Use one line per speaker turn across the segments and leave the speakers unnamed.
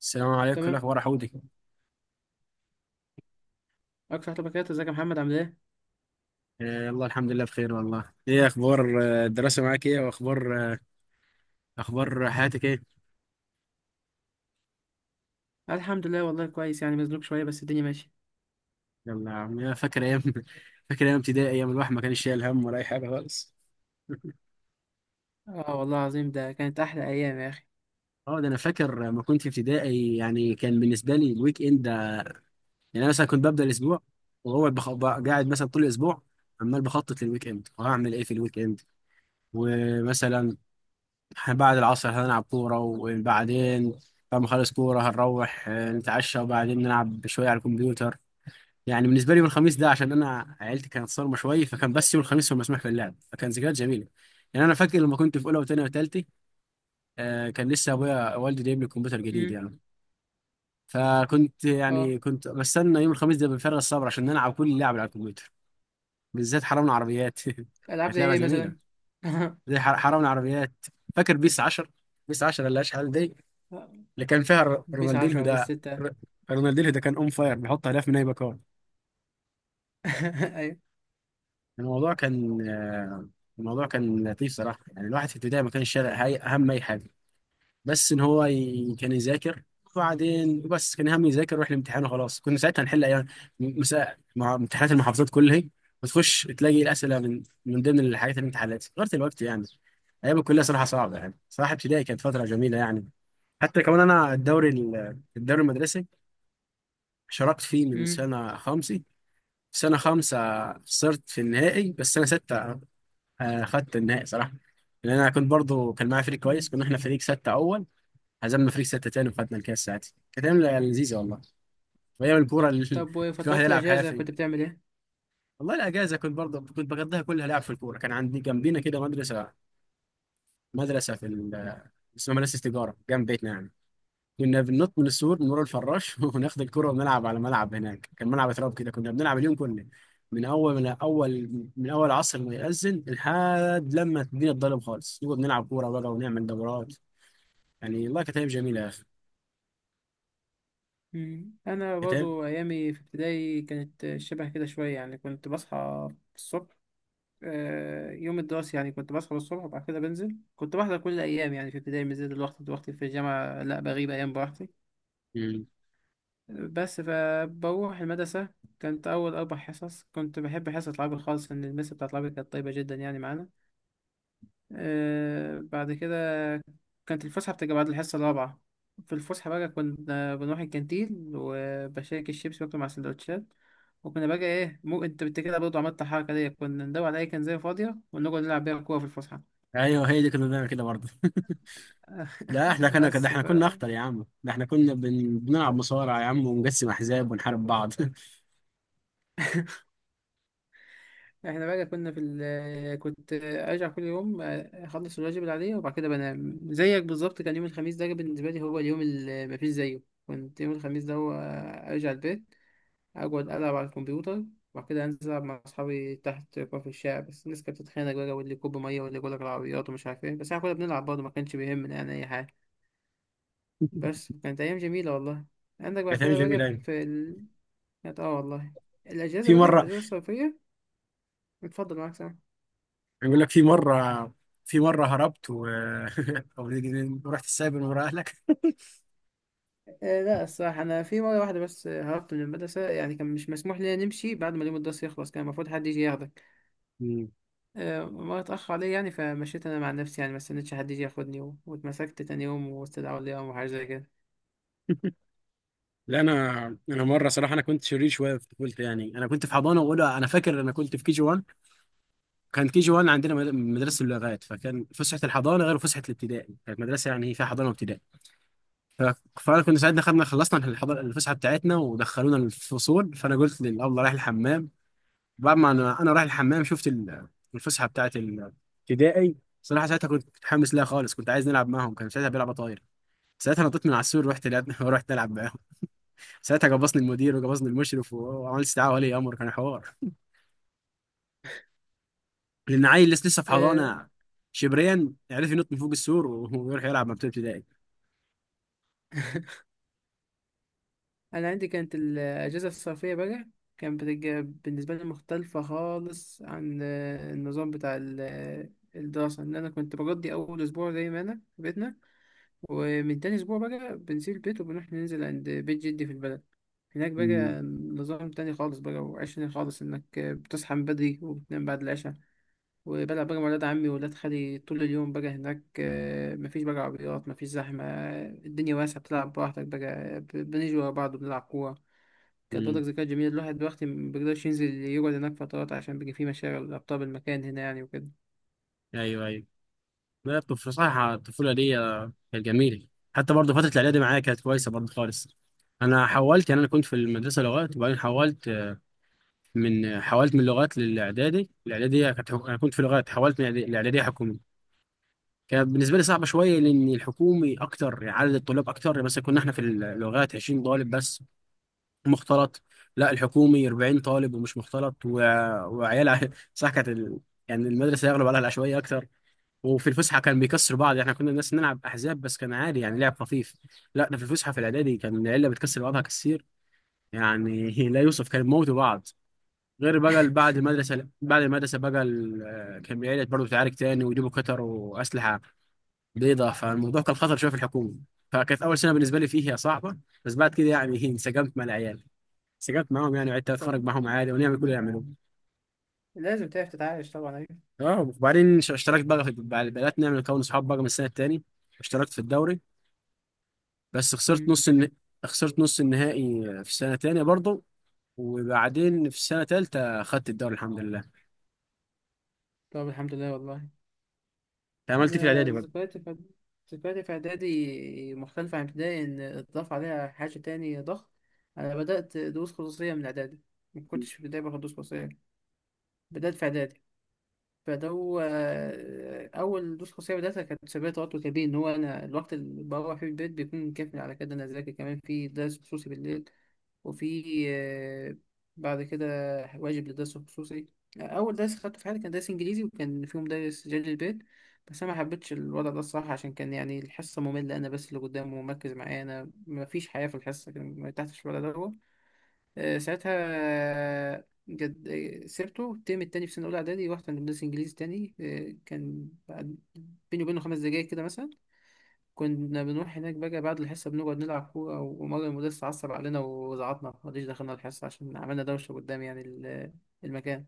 السلام عليكم، إيه
تمام.
الاخبار يا حودي؟
اكتر حاجه بكات، ازيك يا محمد؟ عامل ايه؟
الله، الحمد لله بخير والله. ايه اخبار، الدراسه معاك، ايه واخبار اخبار حياتك؟ ايه
الحمد لله والله كويس، يعني مزنوق شويه بس الدنيا ماشيه.
يلا يا عم، يا فاكر ايام؟ فاكر ايام ابتدائي، ايام الواحد ما كانش شايل هم ولا اي حاجه خالص.
اه والله العظيم ده كانت احلى ايام يا اخي.
اه ده انا فاكر لما كنت في ابتدائي، يعني كان بالنسبه لي الويك اند يعني انا مثلا كنت ببدا الاسبوع قاعد مثلا طول الاسبوع، عمال بخطط للويك اند، وهعمل ايه في الويك اند. ومثلا إحنا بعد العصر هنلعب كورة، وبعدين بعد ما نخلص كورة هنروح نتعشى، وبعدين نلعب شوية على الكمبيوتر. يعني بالنسبة لي يوم الخميس ده، عشان أنا عيلتي كانت صارمة شوية، فكان بس يوم الخميس هو مسموح في اللعب، فكان ذكريات جميلة. يعني أنا فاكر لما كنت في أولى وتانية وتالتة، كان لسه أبويا والدي جايب لي كمبيوتر جديد
امم.
يعني. فكنت
اه.
يعني كنت بستنى يوم الخميس ده بفارغ الصبر عشان نلعب كل اللعب على الكمبيوتر، بالذات حرامنا عربيات.
العاب
كانت
زي
لعبة
ايه
جميلة،
مثلا؟
زي حرامنا عربيات. فاكر بيس 10؟ بيس 10 اللي أشحال دي، اللي كان فيها
بيس
رونالدينهو
10 وبيس
ده.
6.
ر- رونالدينهو ده كان اون فاير، بيحط اهداف من اي مكان.
ايوه.
الموضوع كان آه، الموضوع كان لطيف صراحه. يعني الواحد في البدايه ما كانش شارع هاي اهم اي حاجه، بس كان يذاكر وبعدين. بس كان هم يذاكر ويروح الامتحان وخلاص، كنا ساعتها نحل ايام مساء مع امتحانات المحافظات كلها، وتخش تلاقي الاسئله من ضمن الحاجات اللي انت حلتها غير الوقت يعني. ايام الكليه صراحه صعبه، يعني صراحه ابتدائي كانت فتره جميله يعني. حتى كمان انا الدوري الدوري المدرسي شاركت فيه من
امم.
سنة خمسة، سنة خمسة خسرت في النهائي، بس سنة ستة خدت النهائي صراحة، لأن أنا كنت برضو كان معايا فريق كويس،
أمم.
كنا إحنا فريق ستة أول، هزمنا فريق ستة تاني، وخدنا الكاس. ساعتها كانت أيام لذيذة والله، وأيام الكورة اللي
طب
الواحد
وفترات
يلعب
الاجازه
حافي.
كنت بتعمل ايه؟
والله الأجازة كنت برضو كنت بقضيها كلها لعب في الكورة، كان عندي جنبينا كده مدرسة، مدرسة في ال- اسمها مدرسة تجارة جنب بيتنا يعني. كنا بننط من السور من ورا الفراش وناخد الكرة ونلعب على ملعب هناك، كان ملعب تراب كده، كنا بنلعب اليوم كله، من اول عصر ما يأذن لحد لما الدنيا تضلم خالص، نقعد نلعب كورة بقى ونعمل دورات. يعني والله كانت ايام جميلة يا اخي.
انا
كانت أيام-
برضو ايامي في ابتدائي كانت شبه كده شويه، يعني كنت بصحى الصبح. يوم الدراسي يعني كنت بصحى الصبح وبعد كده بنزل، كنت بحضر كل الايام يعني في ابتدائي، من زي دلوقتي. دلوقتي في الجامعه لا بغيب ايام براحتي
مم.
بس فبروح المدرسة. كانت أول أربع حصص كنت بحب حصة العربي خالص لأن المس بتاعت العربي كانت طيبة جدا يعني معانا. بعد كده كانت الفسحة بتبقى بعد الحصة الرابعة. في الفسحة بقى كنا بنروح الكانتين وبشارك الشيبس باكله مع سندوتشات. وكنا بقى إيه، مو أنت بت كده برضه عملت الحركة دي، كنا ندور على أي كنزاية فاضية ونقعد نلعب بيها كورة في الفسحة.
ايوه، هي دي كنا بنعمل كده برضه. لا احنا كنا كده،
بس
احنا كنا اخطر يا عم، ده احنا كنا بنلعب مصارعة يا عم، ونقسم احزاب ونحارب بعض.
احنا بقى كنا في ال... كنت ارجع كل يوم، اخلص الواجب اللي عليا وبعد كده بنام زيك بالظبط. كان يوم الخميس ده بالنسبه لي هو اليوم اللي مفيش زيه. كنت يوم الخميس ده هو ارجع البيت، اقعد العب على الكمبيوتر، وبعد كده انزل العب مع اصحابي تحت في الشارع. بس الناس كانت بتتخانق بقى، واللي يكب ميه واللي يقول لك العربيات ومش عارف ايه، بس احنا كنا بنلعب برضه ما كانش بيهمنا يعني اي حاجه. بس كانت ايام جميله والله. عندك بعد
كانت ايام
كده
جميلة
بقى
أوي.
في ال... كانت والله الاجازه
في
بقى في
مرة
الاجازه الصيفيه. اتفضل معاك سامح.
يقول لك، في مرة هربت أو رحت السايبر ورا أهلك.
لا الصراحة أنا في مرة واحدة بس هربت من المدرسة، يعني كان مش مسموح لنا نمشي بعد ما اليوم الدراسي يخلص، كان المفروض حد يجي ياخدك.
مم.
مرة اتأخر عليا يعني فمشيت أنا مع نفسي يعني ما استنيتش حد يجي ياخدني و- واتمسكت تاني يوم واستدعوا لي يوم وحاجة زي كده.
لا أنا، أنا مرة صراحة، أنا كنت شرير شوية في طفولتي، يعني أنا كنت في حضانة وأولى. أنا فاكر أنا كنت في كي جي 1، كان كي جي 1 عندنا مدرسة اللغات، فكان فسحة الحضانة غير فسحة الابتدائي، كانت مدرسة يعني فيها حضانة وابتدائي. ف... فأنا كنا ساعتها خدنا خلصنا الحضانة، الفسحة بتاعتنا، ودخلونا الفصول، فأنا قلت للأبله رايح الحمام. بعد ما انا رايح الحمام شفت الفسحه بتاعت الابتدائي، صراحه ساعتها كنت متحمس لها خالص، كنت عايز نلعب معاهم، كان ساعتها بيلعب طاير. ساعتها نطيت من على السور، ورحت لعبنا ورحت نلعب معاهم. ساعتها جبصني المدير وجبصني المشرف، وعملت استدعاء ولي امر، كان حوار، لان عيل لسه لسه في
آه،
حضانه، شبريا عرف ينط من فوق السور ويروح يلعب مع بتوع ابتدائي.
أنا عندي كانت الأجازة الصيفية بقى كانت بتج- بالنسبة لي مختلفة خالص عن آه، النظام بتاع ال- آه، الدراسة إن أنا كنت بقضي أول أسبوع زي ما أنا في بيتنا، ومن تاني أسبوع بقى بنسيب البيت وبنروح ننزل عند بيت جدي في البلد. هناك
مم.
بقى نظام تاني خالص بقى وعيش تاني خالص، إنك بتصحى من بدري وبتنام بعد العشاء. وبلعب بقى مع ولاد عمي وولاد خالي طول اليوم بقى هناك، مفيش بقى عربيات مفيش زحمة. الدنيا واسعة بتلعب براحتك بقى، بنيجي ورا بعض وبنلعب كورة. كانت برضك
مم.
ذكريات جميلة، الواحد دلوقتي مبيقدرش ينزل يقعد هناك فترات عشان بيجي فيه مشاغل أبطال المكان هنا يعني وكده.
ايوه، ايوه. لا صراحه الطفوله دي كانت جميله. حتى برضه فتره الاعدادي معايا كانت كويسه برضه خالص. انا حولت يعني، انا كنت في المدرسه لغات، وبعدين حولت. حولت من لغات للاعدادي، الاعداديه كانت انا كنت في لغات، حولت من الاعداديه حكومي. كانت بالنسبه لي صعبه شويه، لان الحكومي اكتر، عدد الطلاب اكتر. مثلا كنا احنا في اللغات 20 طالب بس، مختلط. لا، الحكومي 40 طالب، ومش مختلط، وعيال صح، يعني المدرسه يغلب عليها العشوائيه اكتر. وفي الفسحه كان بيكسروا بعض، احنا كنا الناس نلعب احزاب بس كان عادي، يعني لعب خفيف. لا، ده في الفسحه في الاعدادي كان العيله بتكسر بعضها كتير، يعني لا يوصف، كان موتوا بعض. غير بقى بعد المدرسة بقى كان بيعيد برضه تعارك تاني، ويجيبوا كتر وأسلحة بيضة، فالموضوع كان خطر شوية في الحكومة. فكانت أول سنة بالنسبة لي فيها صعبة، بس بعد كده يعني انسجمت مع العيال، انسجمت معاهم يعني، وعدت أتخرج
طبعا
معاهم عادي ونعمل كل اللي يعملوه.
لازم تعرف تتعايش طبعا أيوة.
اه، وبعدين اشتركت بقى في بدأت نعمل نكون صحاب بقى من السنة التانية، اشتركت في الدوري، بس خسرت
مم.
خسرت نص النهائي في السنة التانية برضه، وبعدين في السنة التالتة خدت الدوري الحمد لله.
طب الحمد لله والله.
عملت إيه في
أنا
الإعدادي بقى؟
ذكرياتي في إعدادي مختلفة عن ابتدائي إن اتضاف عليها حاجة تاني ضخم. أنا بدأت دروس خصوصية من إعدادي، ما كنتش في ابتدائي باخد دروس خصوصية، بدأت في إعدادي. فدو آه، أول دروس خصوصية بدأتها كانت سبب توتر كبير، إن هو أنا الوقت اللي بروح فيه البيت بيكون كافي على كده إن أنا أذاكر كمان في درس خصوصي بالليل. وفي آه، بعد كده واجب للدرس الخصوصي. أول درس خدته في حياتي كان درس إنجليزي وكان فيه مدرس جلد البيت. بس أنا ما حبيتش الوضع ده الصراحة عشان كان يعني الحصة مملة، أنا بس اللي قدامه ومركز معايا، أنا مفيش حياة في الحصة، كان ما ارتحتش في الوضع ده هو. ساعتها، جد، سيبته الترم التاني في سنة أولى إعدادي، رحت عند مدرس إنجليزي تاني. بيني وبينه 5 دقايق كده مثلا. كنا بنروح هناك بقى بعد الحصة بنقعد نلعب كورة، ومرة المدرس عصب علينا وزعطنا مرضيش دخلنا الحصة عشان عملنا دوشة قدام يعني المكان.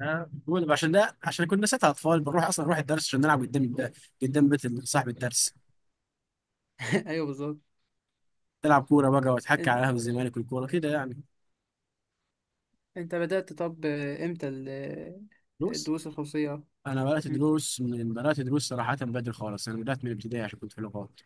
بقول عشان ده، عشان كنا ساعتها اطفال، بنروح اصلا نروح الدرس عشان نلعب قدام، قدام بيت صاحب الدرس،
أيوه بالظبط.
نلعب كوره بقى، واتحكى على قهوه
إن-
الزمالك والكوره كده يعني.
أنت بدأت، طب إمتى
دروس.
الدروس الخصوصية؟
انا بدات
مم.
دروس، صراحه بدري خالص، انا بدات من الابتدائي عشان كنت في لغات.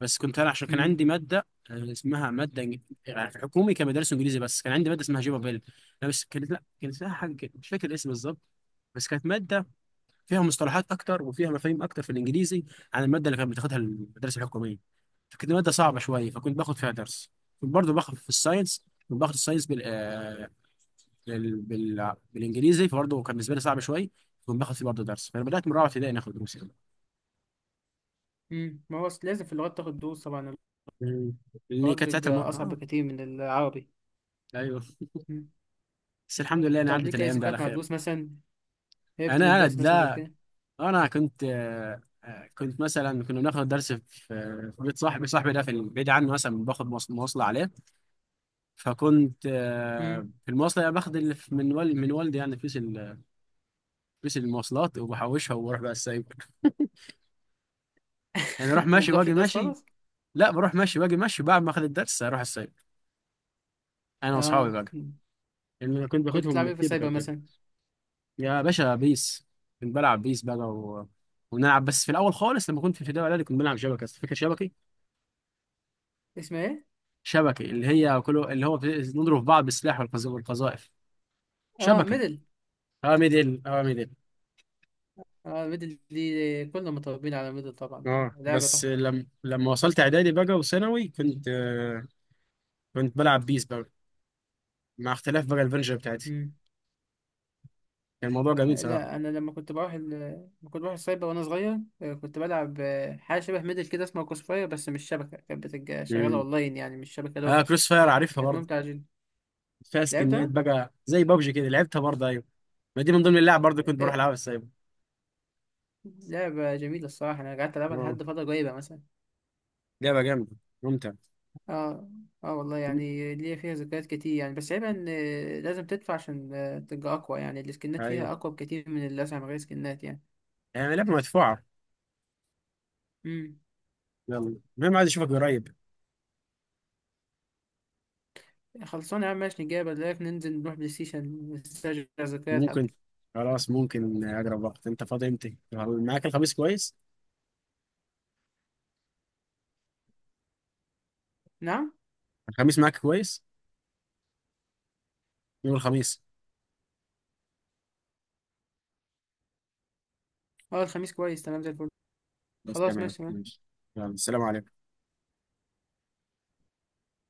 بس كنت انا عشان كان
مم.
عندي ماده اسمها ماده يعني في حكومي كان مدرسه انجليزي، بس كان عندي ماده اسمها جيبابيل. لا بس كانت، لا كانت لها حاجه كده مش فاكر الاسم بالظبط. بس كانت ماده فيها مصطلحات اكتر وفيها مفاهيم اكتر في الانجليزي، عن الماده اللي كانت بتاخدها المدرسه الحكوميه، فكانت الماده صعبه شويه، فكنت باخد فيها درس. كنت برضه باخد في الساينس، كنت باخد الساينس بالانجليزي، فبرضه كان بالنسبه لي صعب شويه، كنت باخد فيه برضه درس، فانا بدات من رابعه ابتدائي ناخد دروس يعني.
مم. ما هو أصل لازم في اللغات تاخد دروس طبعا.
مم. لان
اللغات
كانت ساعتها الم...
بيبقى أصعب
اه
بكتير من العربي.
ايوه،
مم.
بس الحمد لله انا
طب
عدت
ليك أي
الايام دي على
ذكريات مع
خير.
الدروس مثلا؟ هربت من
انا
الدرس مثلا قبل
لا،
كده؟
انا كنت كنت مثلا كنا بناخد درس في بيت صاحبي، ده في بعيد عنه، مثلا باخد مواصله عليه، فكنت
مم.
في المواصلة يعني باخد اللي من والدي، يعني فلوس فلوس المواصلات، وبحوشها وبروح بقى السايبر. يعني اروح
ما
ماشي
بتروحش
واجي
الدرس
ماشي،
خالص؟
لا، بروح ماشي واجي ماشي، بعد ما اخد الدرس اروح السايبر انا واصحابي
آه
بقى،
مم.
لان انا كنت
كنت
باخدهم
تلعب
من
إيه في السايبر
التيبكال كده.
مثلا؟
يا باشا، بيس، كنت بلعب بيس بقى ونلعب بس. في الاول خالص لما كنت في ابتدائي واعدادي كنت بلعب شبكه، بس فاكر شبكي؟
اسمها إيه؟
شبكي اللي هي، كله اللي هو نضرب في بعض بالسلاح والقذائف.
آه
شبكي،
ميدل.
اوامر ديل، اوامر ديل.
اه الميدل دي كلنا متربيين على الميدل طبعا،
اه،
لعبة
بس
تحفة.
لما وصلت اعدادي بقى وثانوي كنت كنت بلعب بيس بقى، مع اختلاف بقى الفيرجن بتاعتي.
مم.
كان الموضوع جميل صراحه.
لا أنا لما كنت بروح السايبر وأنا صغير، كنت بلعب حاجة شبه ميدل كده اسمها كوسفاير بس مش شبكة، كانت بتبقى شغالة
امم
أونلاين يعني مش شبكة
اه،
لوكال.
كروس فاير عارفها
كانت
برضه.
ممتعة جدا.
فيها سكنات
لعبتها؟
بقى زي بابجي كده، لعبتها برضه، ايوه. ما دي من ضمن اللعب برضه، كنت بروح
آه،
العبها، بس ايوه.
لعبة جميلة الصراحة، أنا قعدت ألعبها
اه،
لحد فترة قريبة مثلا.
لعبه جامده، ممتع.
اه. اه والله
مم.
يعني ليا فيها ذكريات كتير يعني، بس عيبها إن لازم تدفع عشان تبقى أقوى، يعني السكنات
ايوه،
فيها أقوى بكتير من اللي أسعى من غير سكنات يعني.
يعني لعبه مدفوعه.
مم.
يلا المهم، عايز اشوفك قريب.
خلصانة يا عم ماشي، نجيب لك ننزل نروح بلاي ستيشن نسترجع ذكريات حتى.
ممكن، خلاص. ممكن اقرب وقت. انت فاضي امتى؟ معاك الخميس كويس؟
نعم.
الخميس معاك كويس، يوم الخميس.
اه الخميس كويس تمام زي الفل.
بس
خلاص
تمام،
ماشي.
ماشي. يلا، السلام عليكم.